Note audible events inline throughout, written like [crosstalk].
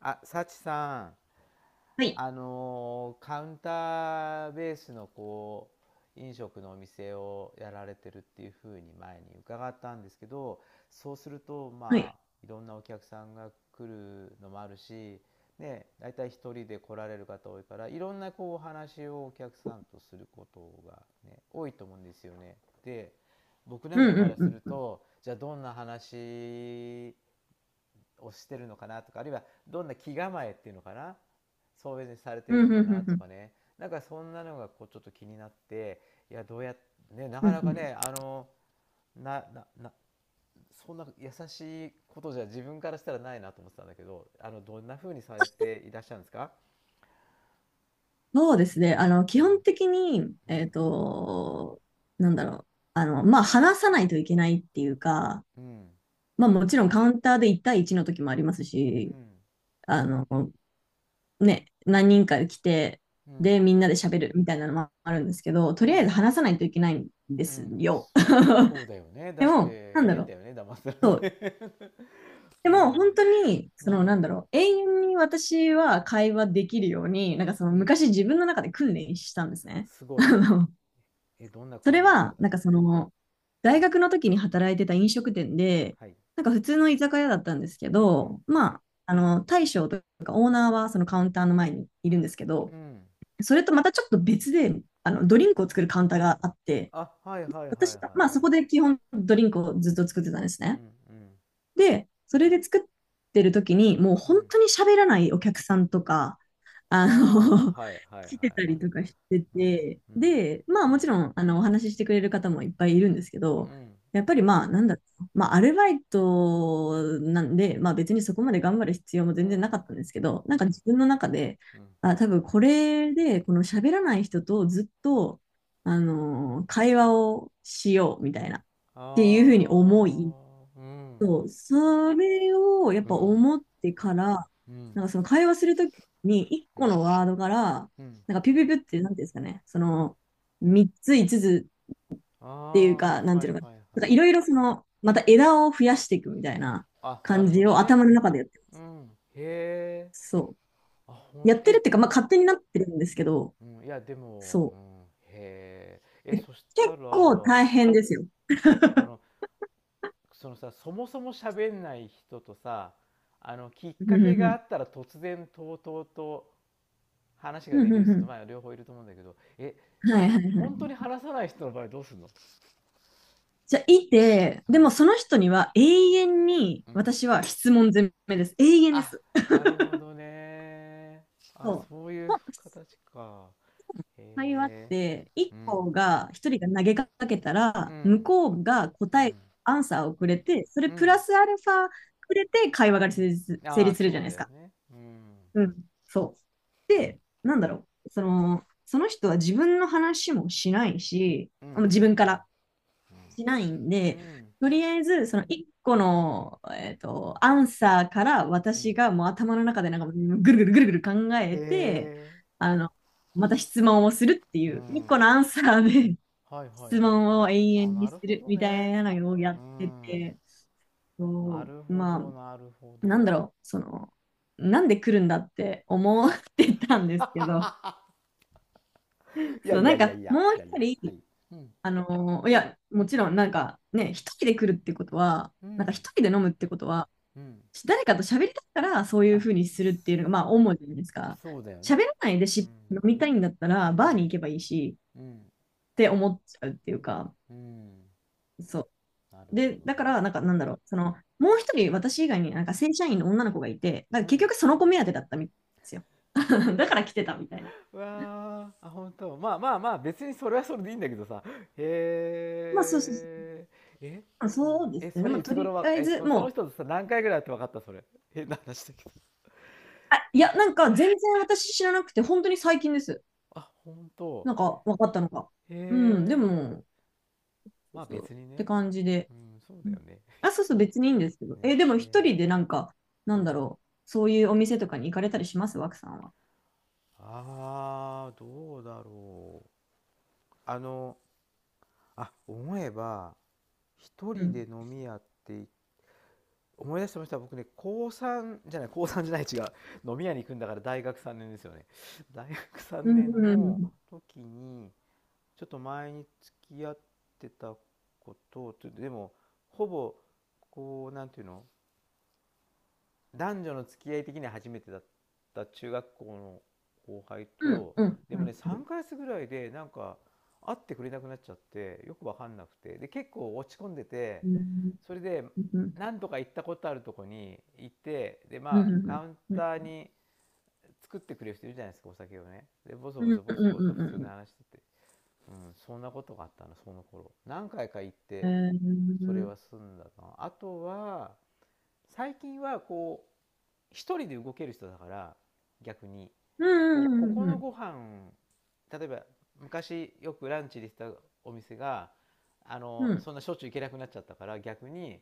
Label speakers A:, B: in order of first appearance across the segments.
A: あ、サチさん、
B: はい。
A: カウンターベースの飲食のお店をやられてるっていうふうに前に伺ったんですけど、そうすると、
B: は
A: まあ、
B: い。
A: いろんなお客さんが来るのもあるし、ね、大体一人で来られる方多いから、いろんなこうお話をお客さんとすることが、ね、多いと思うんですよね。で、僕な
B: う
A: ん
B: ん
A: か
B: う
A: か
B: ん
A: ら
B: う
A: す
B: ん
A: る
B: うん。
A: と、じゃあどんな話をしてるのかな、とか、あるいはどんな気構えっていうのかな、そういうふうにされて
B: う
A: るの
B: んう
A: か
B: んう
A: な、
B: んう
A: と
B: ん。
A: かね、なんかそんなのがこうちょっと気になって、いや、どうやってね、な
B: う
A: かなか
B: ん、
A: ね、あのなななそんな優しいことじゃ自分からしたらないなと思ってたんだけど、あの、どんなふうにされていらっしゃるんですか？
B: そうですね。基
A: うん、
B: 本的に、
A: うん、
B: なんだろう。まあ、話さないといけないっていうか、
A: うん、
B: まあ、もちろんカウンターで1対1の時もありますし、あの、ね、何人か来て、
A: うん、うん、
B: で、みんなで喋るみたいなのもあるんですけど、
A: う
B: とりあえ
A: ん、
B: ず話さないといけないんで
A: う
B: す
A: ん。
B: よ。
A: そうか、そうだよね。
B: [laughs]
A: だ
B: で
A: っ
B: も、な
A: て
B: んだ
A: 変だ
B: ろ
A: よね、騙され
B: う。
A: て。 [laughs] う
B: でも
A: ん、
B: 本当に、
A: う
B: そのな
A: ん、
B: んだろう、永遠に私は会話できるように、なんかその
A: うん。
B: 昔自分の中で訓練したんですね。
A: す
B: [laughs]
A: ごい。
B: あの
A: え、どんな
B: そ
A: 訓
B: れ
A: 練をされ
B: は、
A: たんですか？
B: 大学の時に働いてた飲食店で、
A: はい。
B: なんか普通の居酒屋だったんですけ
A: うん、
B: ど、まあ、大将とかオーナーはそのカウンターの前にいるんですけ
A: う
B: ど、
A: ん、
B: それとまたちょっと別で、
A: うん。
B: ドリンクを作るカウンターがあって、
A: あ、はいはいはいはい
B: 私、まあ
A: は
B: そ
A: い。
B: こで基本ドリンクをずっと作ってたんです
A: うん、
B: ね。
A: うん、
B: で、それで作ってる時に、もう
A: う
B: 本
A: ん。
B: 当に喋らないお客さんとか、あ
A: ああ、
B: の、
A: はいはい
B: [laughs]
A: はいは
B: 来てた
A: い。
B: りとかして
A: うん、
B: て、
A: うん、
B: で、まあもちろん、お話ししてくれる方もいっぱいいるんですけ
A: う
B: ど、
A: ん、
B: やっぱりまあ、なんだろう、まあ、アルバイトなんで、まあ別にそこまで頑張る必要も
A: うん、
B: 全然なかったんですけど、
A: う
B: なんか
A: ん、
B: 自分の中で、
A: うん。
B: あ、多分これで、この喋らない人とずっと、会話をしようみたいな、っ
A: あ
B: ていうふうに思い、
A: あ、うん、
B: そう、それをやっ
A: う
B: ぱ
A: ん、
B: 思ってから、
A: うん、
B: なんかその会話するときに、一
A: う
B: 個
A: ん、
B: のワードから、
A: うん、
B: なんかピュピュピュって、なんていうんですかね、
A: うん。
B: 三つ、五つ
A: あ
B: っていう
A: あ、は
B: か、な
A: い
B: ん
A: は
B: ていうの
A: い
B: か
A: はい。
B: な、なんかいろいろまた枝を増やしていくみたいな
A: あ、な
B: 感
A: るほ
B: じ
A: ど
B: を
A: ね。
B: 頭の中でやってる。
A: うん。へえ。
B: そ
A: あ、ほ
B: う。
A: ん
B: や
A: と、
B: ってるっ
A: え、
B: ていうか、まあ勝手になってるんですけど、
A: うん、いや、でも、
B: そ
A: う
B: う。
A: ん、へえ。え、
B: え結
A: そしたら、
B: 構大変ですよ。
A: そうあのそのさ、そもそも喋んない人とさ、あのきっ
B: うん
A: か
B: う
A: け
B: んう
A: があ
B: ん。
A: ったら突然とうとうと話が
B: う
A: で
B: ん
A: き
B: う
A: る
B: んう
A: 人と、
B: ん。
A: まあ両方いると思うんだけど、え、
B: はいはいはい。
A: 本当に話さない人の場合どうするの？
B: じゃあ、いて、
A: う
B: で
A: ん、
B: もその人には永遠に
A: うん。
B: 私は質問攻めです。永遠で
A: あ、
B: す。
A: なるほどね。あ、
B: そう。
A: そうい
B: ほ
A: う
B: ん
A: 形か。
B: 会話っ
A: へえ。
B: て、
A: うん、
B: 一人が投げかけた
A: う
B: ら、向
A: ん、
B: こうが
A: う
B: 答え、
A: ん、
B: アンサーをくれて、それ
A: う
B: プラ
A: ん、
B: スアルファくれて会話
A: う
B: が成
A: ん。
B: 立、成
A: ああ、
B: 立するじ
A: そ
B: ゃ
A: う
B: ないで
A: だ
B: す
A: よ
B: か。
A: ね。うん、
B: うん。そう。で、なんだろう。その人は自分の話もしないし、
A: うん、う
B: 自分か
A: ん、
B: らしないん
A: うん、
B: で、
A: うん、
B: とりあえず、その1個の、アンサーから
A: う
B: 私
A: ん。
B: がもう頭の中でなんかぐるぐるぐるぐる考
A: へ
B: えて、
A: え。
B: あの、また質問をするってい
A: う
B: う、1
A: ん。
B: 個のアンサーで
A: はい
B: [laughs]
A: はい
B: 質
A: はい
B: 問
A: は
B: を
A: い。
B: 永
A: あ、
B: 遠に
A: な
B: す
A: るほ
B: る
A: ど
B: みたい
A: ね。
B: なのをや
A: う
B: って
A: ん。
B: て、
A: な
B: そ
A: る
B: う
A: ほど、
B: ま
A: なるほ
B: あ、なんだろ
A: ど。
B: う、なんで来るんだって思ってたんですけど、
A: いや
B: そう、
A: いや
B: なん
A: いや
B: か
A: いや、
B: もう
A: いや
B: 一
A: いや、は
B: 人、
A: い。うん、
B: いや、もちろん、なんかね、一人で来るってことは、
A: う
B: なんか
A: ん、
B: 一人で飲むってことは、
A: うん。
B: 誰かと喋りたいからそういう
A: あ、
B: ふうにするっ
A: そ
B: ていうのが、まあ、主じゃないですか。
A: そうだよ
B: 喋
A: ね。
B: らないで
A: う
B: 飲
A: ん、
B: みたいんだったら、
A: う
B: バーに行
A: ん、
B: けばいいし、
A: うん、
B: って思っちゃうっていうか、
A: うん。
B: そう。
A: なるほ
B: で、
A: ど
B: だから、なんか、
A: ね。
B: なんだろう、もう一人、私以外になんか正社員の女の子がいて、なん
A: う
B: か結
A: ん。
B: 局その子目当てだったみたいんですよ。[laughs] だから来てたみたいな。
A: うわー、あ、本当。まあまあまあ、別にそれはそれでいいんだけどさ。
B: まあ、そうそうそう。
A: へえ。え、
B: まあ
A: そうなの。
B: そうで
A: え、
B: す
A: そ
B: ね。ま
A: れ
B: あ、
A: いつ
B: とり
A: 頃は、
B: あえ
A: え、
B: ず、
A: そ、そ
B: も
A: の
B: う、
A: 人とさ、何回ぐらいやって分かったそれ。変な話だけど。
B: あ、いや、なんか全然私知らなくて、本当に最近です。
A: あ、本当。へえ。まあ別にね。うん、そうだよね。[laughs] ね。へえ。ああ、どうだろう。あの、あ、思えば、一人で飲み屋ってい、思い出してました。僕ね、高3じゃない、高3じゃない、違う。飲み屋に行くんだから大学3年ですよね。大学3年の時に、ちょっと前に付き合ってたこと、ちょっと、でも、ほぼ、こう、なんていうの、男女の付き合い的には初めてだった中学校の後輩と、でもね、3ヶ月ぐらいでなんか会ってくれなくなっちゃって、よく分かんなくて、で、結構落ち込んでて、それで何度か行ったことあるとこに行って、で、まあカウンターに作ってくれる人いるじゃないですか、お酒をね。でボソボソボソボソ普通の話してて、うん、そんなことがあったの、その頃何回か行って。それは済んだなあ、とは、最近はこう一人で動ける人だから、逆に、ここのご飯、例えば昔よくランチでしたお店が、あのそんなしょっちゅう行けなくなっちゃったから、逆に、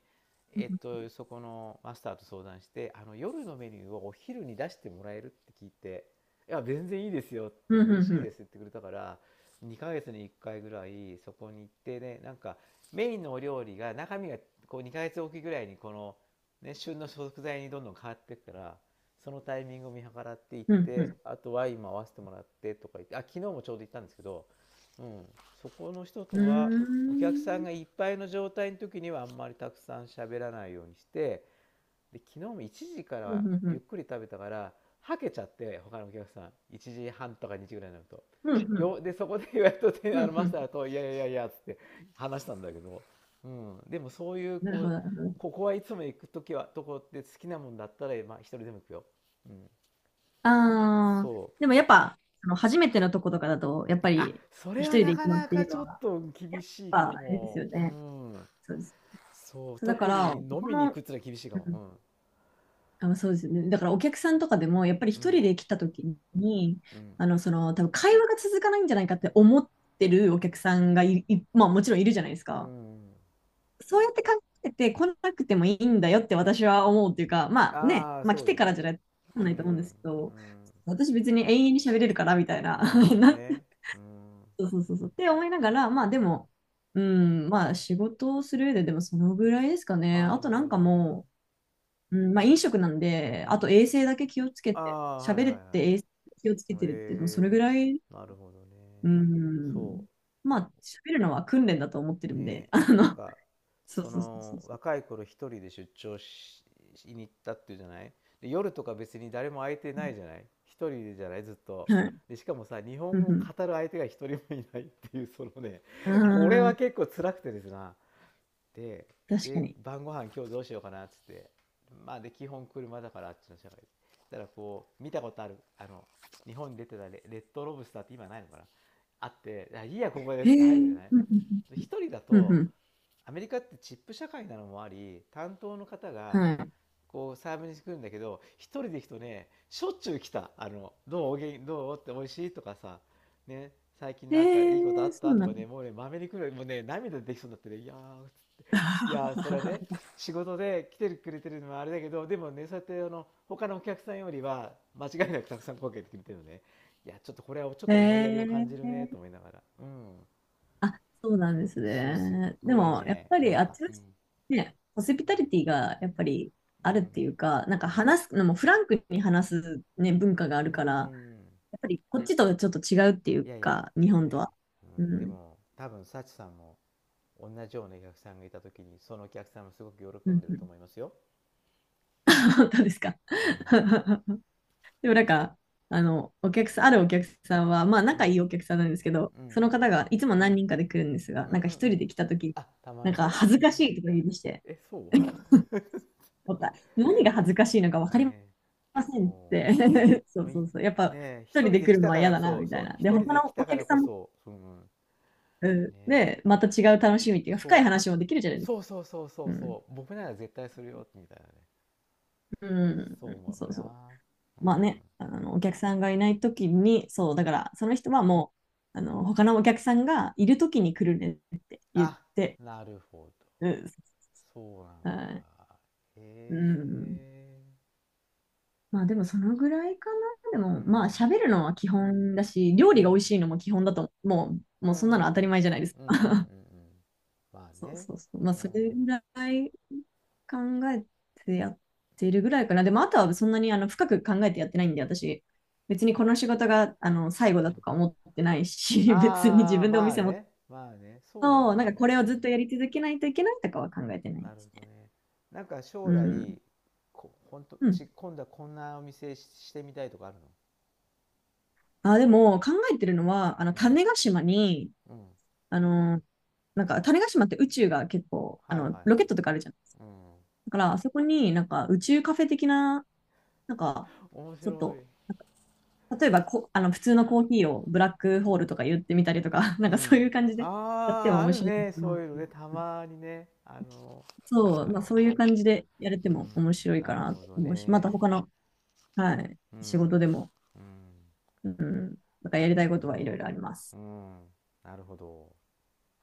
A: えっと、そこのマスターと相談して、あの夜のメニューをお昼に出してもらえるって聞いて、「いや全然いいですよ」って「嬉しいです」って言ってくれたから、2ヶ月に1回ぐらいそこに行ってね、なんかメインのお料理が中身がこう2ヶ月おきぐらいにこの、ね、旬の食材にどんどん変わっていくから、そのタイミングを見計らって行って、あとは今合わせてもらって、とか言って。あ、昨日もちょうど行ったんですけど、うん、そこの人とは、お客さんがいっぱいの状態の時にはあんまりたくさん喋らないようにして、で昨日も1時からゆっくり食べたから、はけちゃって、他のお客さん1時半とか2時ぐらいになると、よ、でそこでやっとて、あのマスターと「いやいやいやいや」っつって話したんだけど、うん、でもそういうこう、ここはいつも行く時はとこって好きなもんだったら、まあ、一人でも行くよ。うん、
B: ああ、
A: そ
B: でもやっぱ、初めてのとことかだと、やっぱ
A: あ、
B: り
A: そ
B: 一
A: れは
B: 人で
A: な
B: 行
A: か
B: くのっ
A: な
B: てい
A: か
B: う
A: ち
B: の
A: ょ
B: は、
A: っ
B: やっ
A: と厳しい
B: ぱ
A: か
B: あれですよ
A: も、う
B: ね。
A: ん。
B: そうです。
A: そう、
B: そうだか
A: 特
B: ら、
A: に飲みに行くってのは厳しいか
B: うん、
A: も。
B: あ、そうですよね。だからお客さんとかでも、やっぱり一
A: うん、
B: 人で来た時に、
A: うん、
B: 多分会話が続かないんじゃないかって思ってるお客さんがい、まあもちろんいるじゃないです
A: う
B: か。
A: ん、うん。
B: そうやって考えて来なくてもいいんだよって私は思うっていうか、まあね、
A: ああ、
B: まあ
A: そ
B: 来
A: うで
B: て
A: す
B: からじ
A: ね。
B: ゃ
A: う
B: ないと思うんで
A: ん、
B: すけ
A: う
B: ど、
A: ん。
B: 私別に永遠に喋れるからみたいな、
A: あ、なるほ
B: [laughs]
A: ど
B: なん
A: ね。うん、うん。
B: そうそうそうそう。って思いながら、まあでも、うん、まあ仕事をする上ででもそのぐらいですかね。あ
A: な
B: と
A: る
B: な
A: ほ
B: んか
A: どね。
B: もう、うん、まあ飲食なんで、
A: う
B: あ
A: ん。
B: と衛生だけ気をつけ
A: あ
B: て、
A: あ、はい
B: 喋れ
A: は
B: って
A: い
B: 衛生気をつけ
A: は
B: て
A: い。
B: るって、もうそれぐ
A: ええ、
B: らい、
A: なるほどね。
B: う
A: そ
B: ん、まあ喋るのは訓練だと思ってる
A: う、
B: んで、
A: ね、なんか、
B: そう
A: そ
B: そうそうそう
A: の、
B: そ
A: 若い頃一人で出張しに行ったっていうじゃない。で、夜とか別に誰も相手ないじゃない。一人でじゃない、ずっと。
B: う。はい。
A: で、しかもさ、日
B: う
A: 本語を
B: ん
A: 語る相手が一人もいないっていう、そのね、
B: う
A: これ
B: ん。
A: は
B: ああ、
A: 結構辛くてですな。で
B: 確か
A: で
B: に。
A: 晩ご飯今日どうしようかなっつって、まあで基本車だから、あっちの社会で、だからこう見たことある、あの日本に出てたレッドロブスターって今ないのかな、あって「いいやここで
B: へ
A: す」って
B: え、
A: 入
B: う
A: るじゃ
B: ん
A: ない、
B: うん
A: 一人だ
B: うん。うんう
A: と。
B: ん。
A: アメリカってチップ社会なのもあり、担当の方が
B: は
A: こうサーブに来るんだけど、一人で行くとね、しょっちゅう来た。「あの、どうおげんどう?」って「おいしい?」とかさ、ね、最近
B: い。
A: なんかいいことあ
B: へえ、
A: っ
B: そ
A: た
B: う
A: と
B: な
A: か
B: の。
A: ね、もうね、まめに来る。もうね涙出てきそうになってね。いやー、いやー、それはね、
B: [laughs]
A: 仕事で来てくれてるのはあれだけど、でもね、そうやってあの他のお客さんよりは間違いなくたくさん声かけてくれてるのね。いや、ちょっとこれはちょっ
B: へ
A: と思いやりを感じるねと
B: え。
A: 思いながら、うん。
B: あ、そうなんです
A: そうすっ
B: ね。で
A: ごい
B: も、やっ
A: ね、
B: ぱ
A: よ
B: り
A: かっ
B: あっ
A: た、
B: ちの
A: う
B: 人
A: ん、
B: ね、ホスピタリティがやっぱり
A: う
B: ある
A: ん、
B: っていうか、なん
A: う
B: か
A: ん、
B: 話すのもフランクに話す、ね、文化があ
A: う
B: るから、や
A: ん。
B: っぱりこっちとちょっと違うってい
A: い
B: う
A: やいや
B: か、日
A: でも
B: 本と
A: ね、
B: は。
A: う
B: う
A: ん、で
B: ん。
A: も多分幸さんも同じようなお客さんがいた時に、そのお客さんもすごく喜
B: う
A: ん
B: ん、
A: で
B: う
A: ると
B: ん。
A: 思いますよ。
B: [laughs] 本当ですか。
A: うん、
B: [laughs] でもなんか、お客さん、あるお客さんは、まあ
A: う
B: 仲
A: ん、
B: いいお客さんなんですけど、
A: うん、
B: その方がいつも何人かで来るんですが、
A: うん、うん、
B: なんか
A: う
B: 一
A: ん。
B: 人で来た時
A: あたま
B: なん
A: に
B: か
A: ね。
B: 恥ず
A: う
B: かし
A: ん、
B: いとか言いまして、
A: え、そう。 [laughs]
B: 思った何が恥ずかしいのか分
A: ね
B: かり
A: え、
B: ませんっ
A: そ
B: て。
A: う、ねえ、
B: [laughs] そう
A: もうい、
B: そ
A: ね
B: うそう。やっぱ
A: え、一
B: 一人
A: 人
B: で
A: で
B: 来
A: 来
B: るの
A: た
B: は
A: か
B: 嫌
A: ら、
B: だな、
A: そう
B: みた
A: そ
B: い
A: う、
B: な。で、
A: 一人
B: 他
A: で来
B: のお
A: たか
B: 客
A: ら
B: さ
A: こ
B: んも、
A: そ、その、
B: う
A: ね
B: ん、
A: え、
B: で、また違う楽しみっていうか、
A: そ
B: 深
A: う、
B: い
A: は、
B: 話もできるじゃないです
A: そ
B: か。
A: うそうそうそ
B: う
A: う
B: ん。
A: そう、僕なら絶対するよ、みたいなね。
B: うん。
A: そう思
B: そ
A: う
B: うそう。
A: な。う
B: まあね、
A: ん。
B: お客さんがいないときに、
A: う
B: そう、だ
A: ん。
B: から、その人はもう、他のお客さんがいるときに来るねって言っ
A: あ、
B: て、
A: なるほど。
B: うん。
A: そうなん
B: はい。
A: だ。へ
B: うん。
A: え。
B: まあでもそのぐらいかな。で
A: う
B: もまあ
A: ん。
B: 喋るのは基本だし、料
A: う
B: 理が
A: ん。
B: 美味しいのも基本だと、
A: う
B: も
A: ん。
B: う
A: う
B: そんなの当た
A: ん
B: り前じゃないです。
A: うんうんうん。まあ
B: そう
A: ね。
B: そうそう。まあ、
A: う
B: それ
A: ん。
B: ぐらい考えてやってるぐらいかな。でも、あとはそんなに深く考えてやってないんで、私、別にこの仕事が最後
A: う
B: だと
A: ん。
B: か思ってないし、[laughs] 別に自
A: ああ、
B: 分でお
A: まあ
B: 店持って
A: ね。まあね。そうだよ
B: そうなんか
A: ね。
B: これをずっとやり続けないといけないとかは考えてな
A: う
B: いん
A: ん、な
B: で
A: る
B: す
A: ほど
B: ね。
A: ね。なんか
B: う
A: 将
B: ん。
A: 来、こ、ほんと、
B: う
A: ち、
B: ん。
A: 今度はこんなお店し、してみたいとかあるの？
B: あ、でも、考えてるのは、
A: うん。
B: 種子島に、
A: うん。
B: あの、なんか種子島って宇宙が結構、
A: はいはいはい。
B: ロケットとかあるじゃん。
A: うん。
B: だから、あそこになんか宇宙カフェ的な、なんか、
A: 面
B: ち
A: 白
B: ょっと
A: い。
B: 例えばこ、あの、普通のコーヒーをブラックホールとか言ってみたりとか、[laughs]
A: う
B: なんかそういう
A: ん。
B: 感じでやって
A: あ
B: も
A: あ、あ
B: 面
A: る
B: 白い
A: ね。そ
B: の
A: う
B: か
A: いうの
B: な。
A: ね。たまにね。あの、ある
B: そう、
A: あ
B: まあ
A: るあ
B: そうい
A: る。
B: う感じでやれて
A: う
B: も
A: ん。
B: 面白い
A: な
B: か
A: る
B: な
A: ほ
B: と
A: ど
B: 思うし、また
A: ね。
B: 他の、はい、
A: う
B: 仕事
A: ん。
B: でも、
A: うん。
B: うん、なんか
A: な
B: や
A: る
B: り
A: ほ
B: たい
A: ど
B: ことはい
A: ね。
B: ろいろありま
A: う
B: す。
A: ん。なるほど。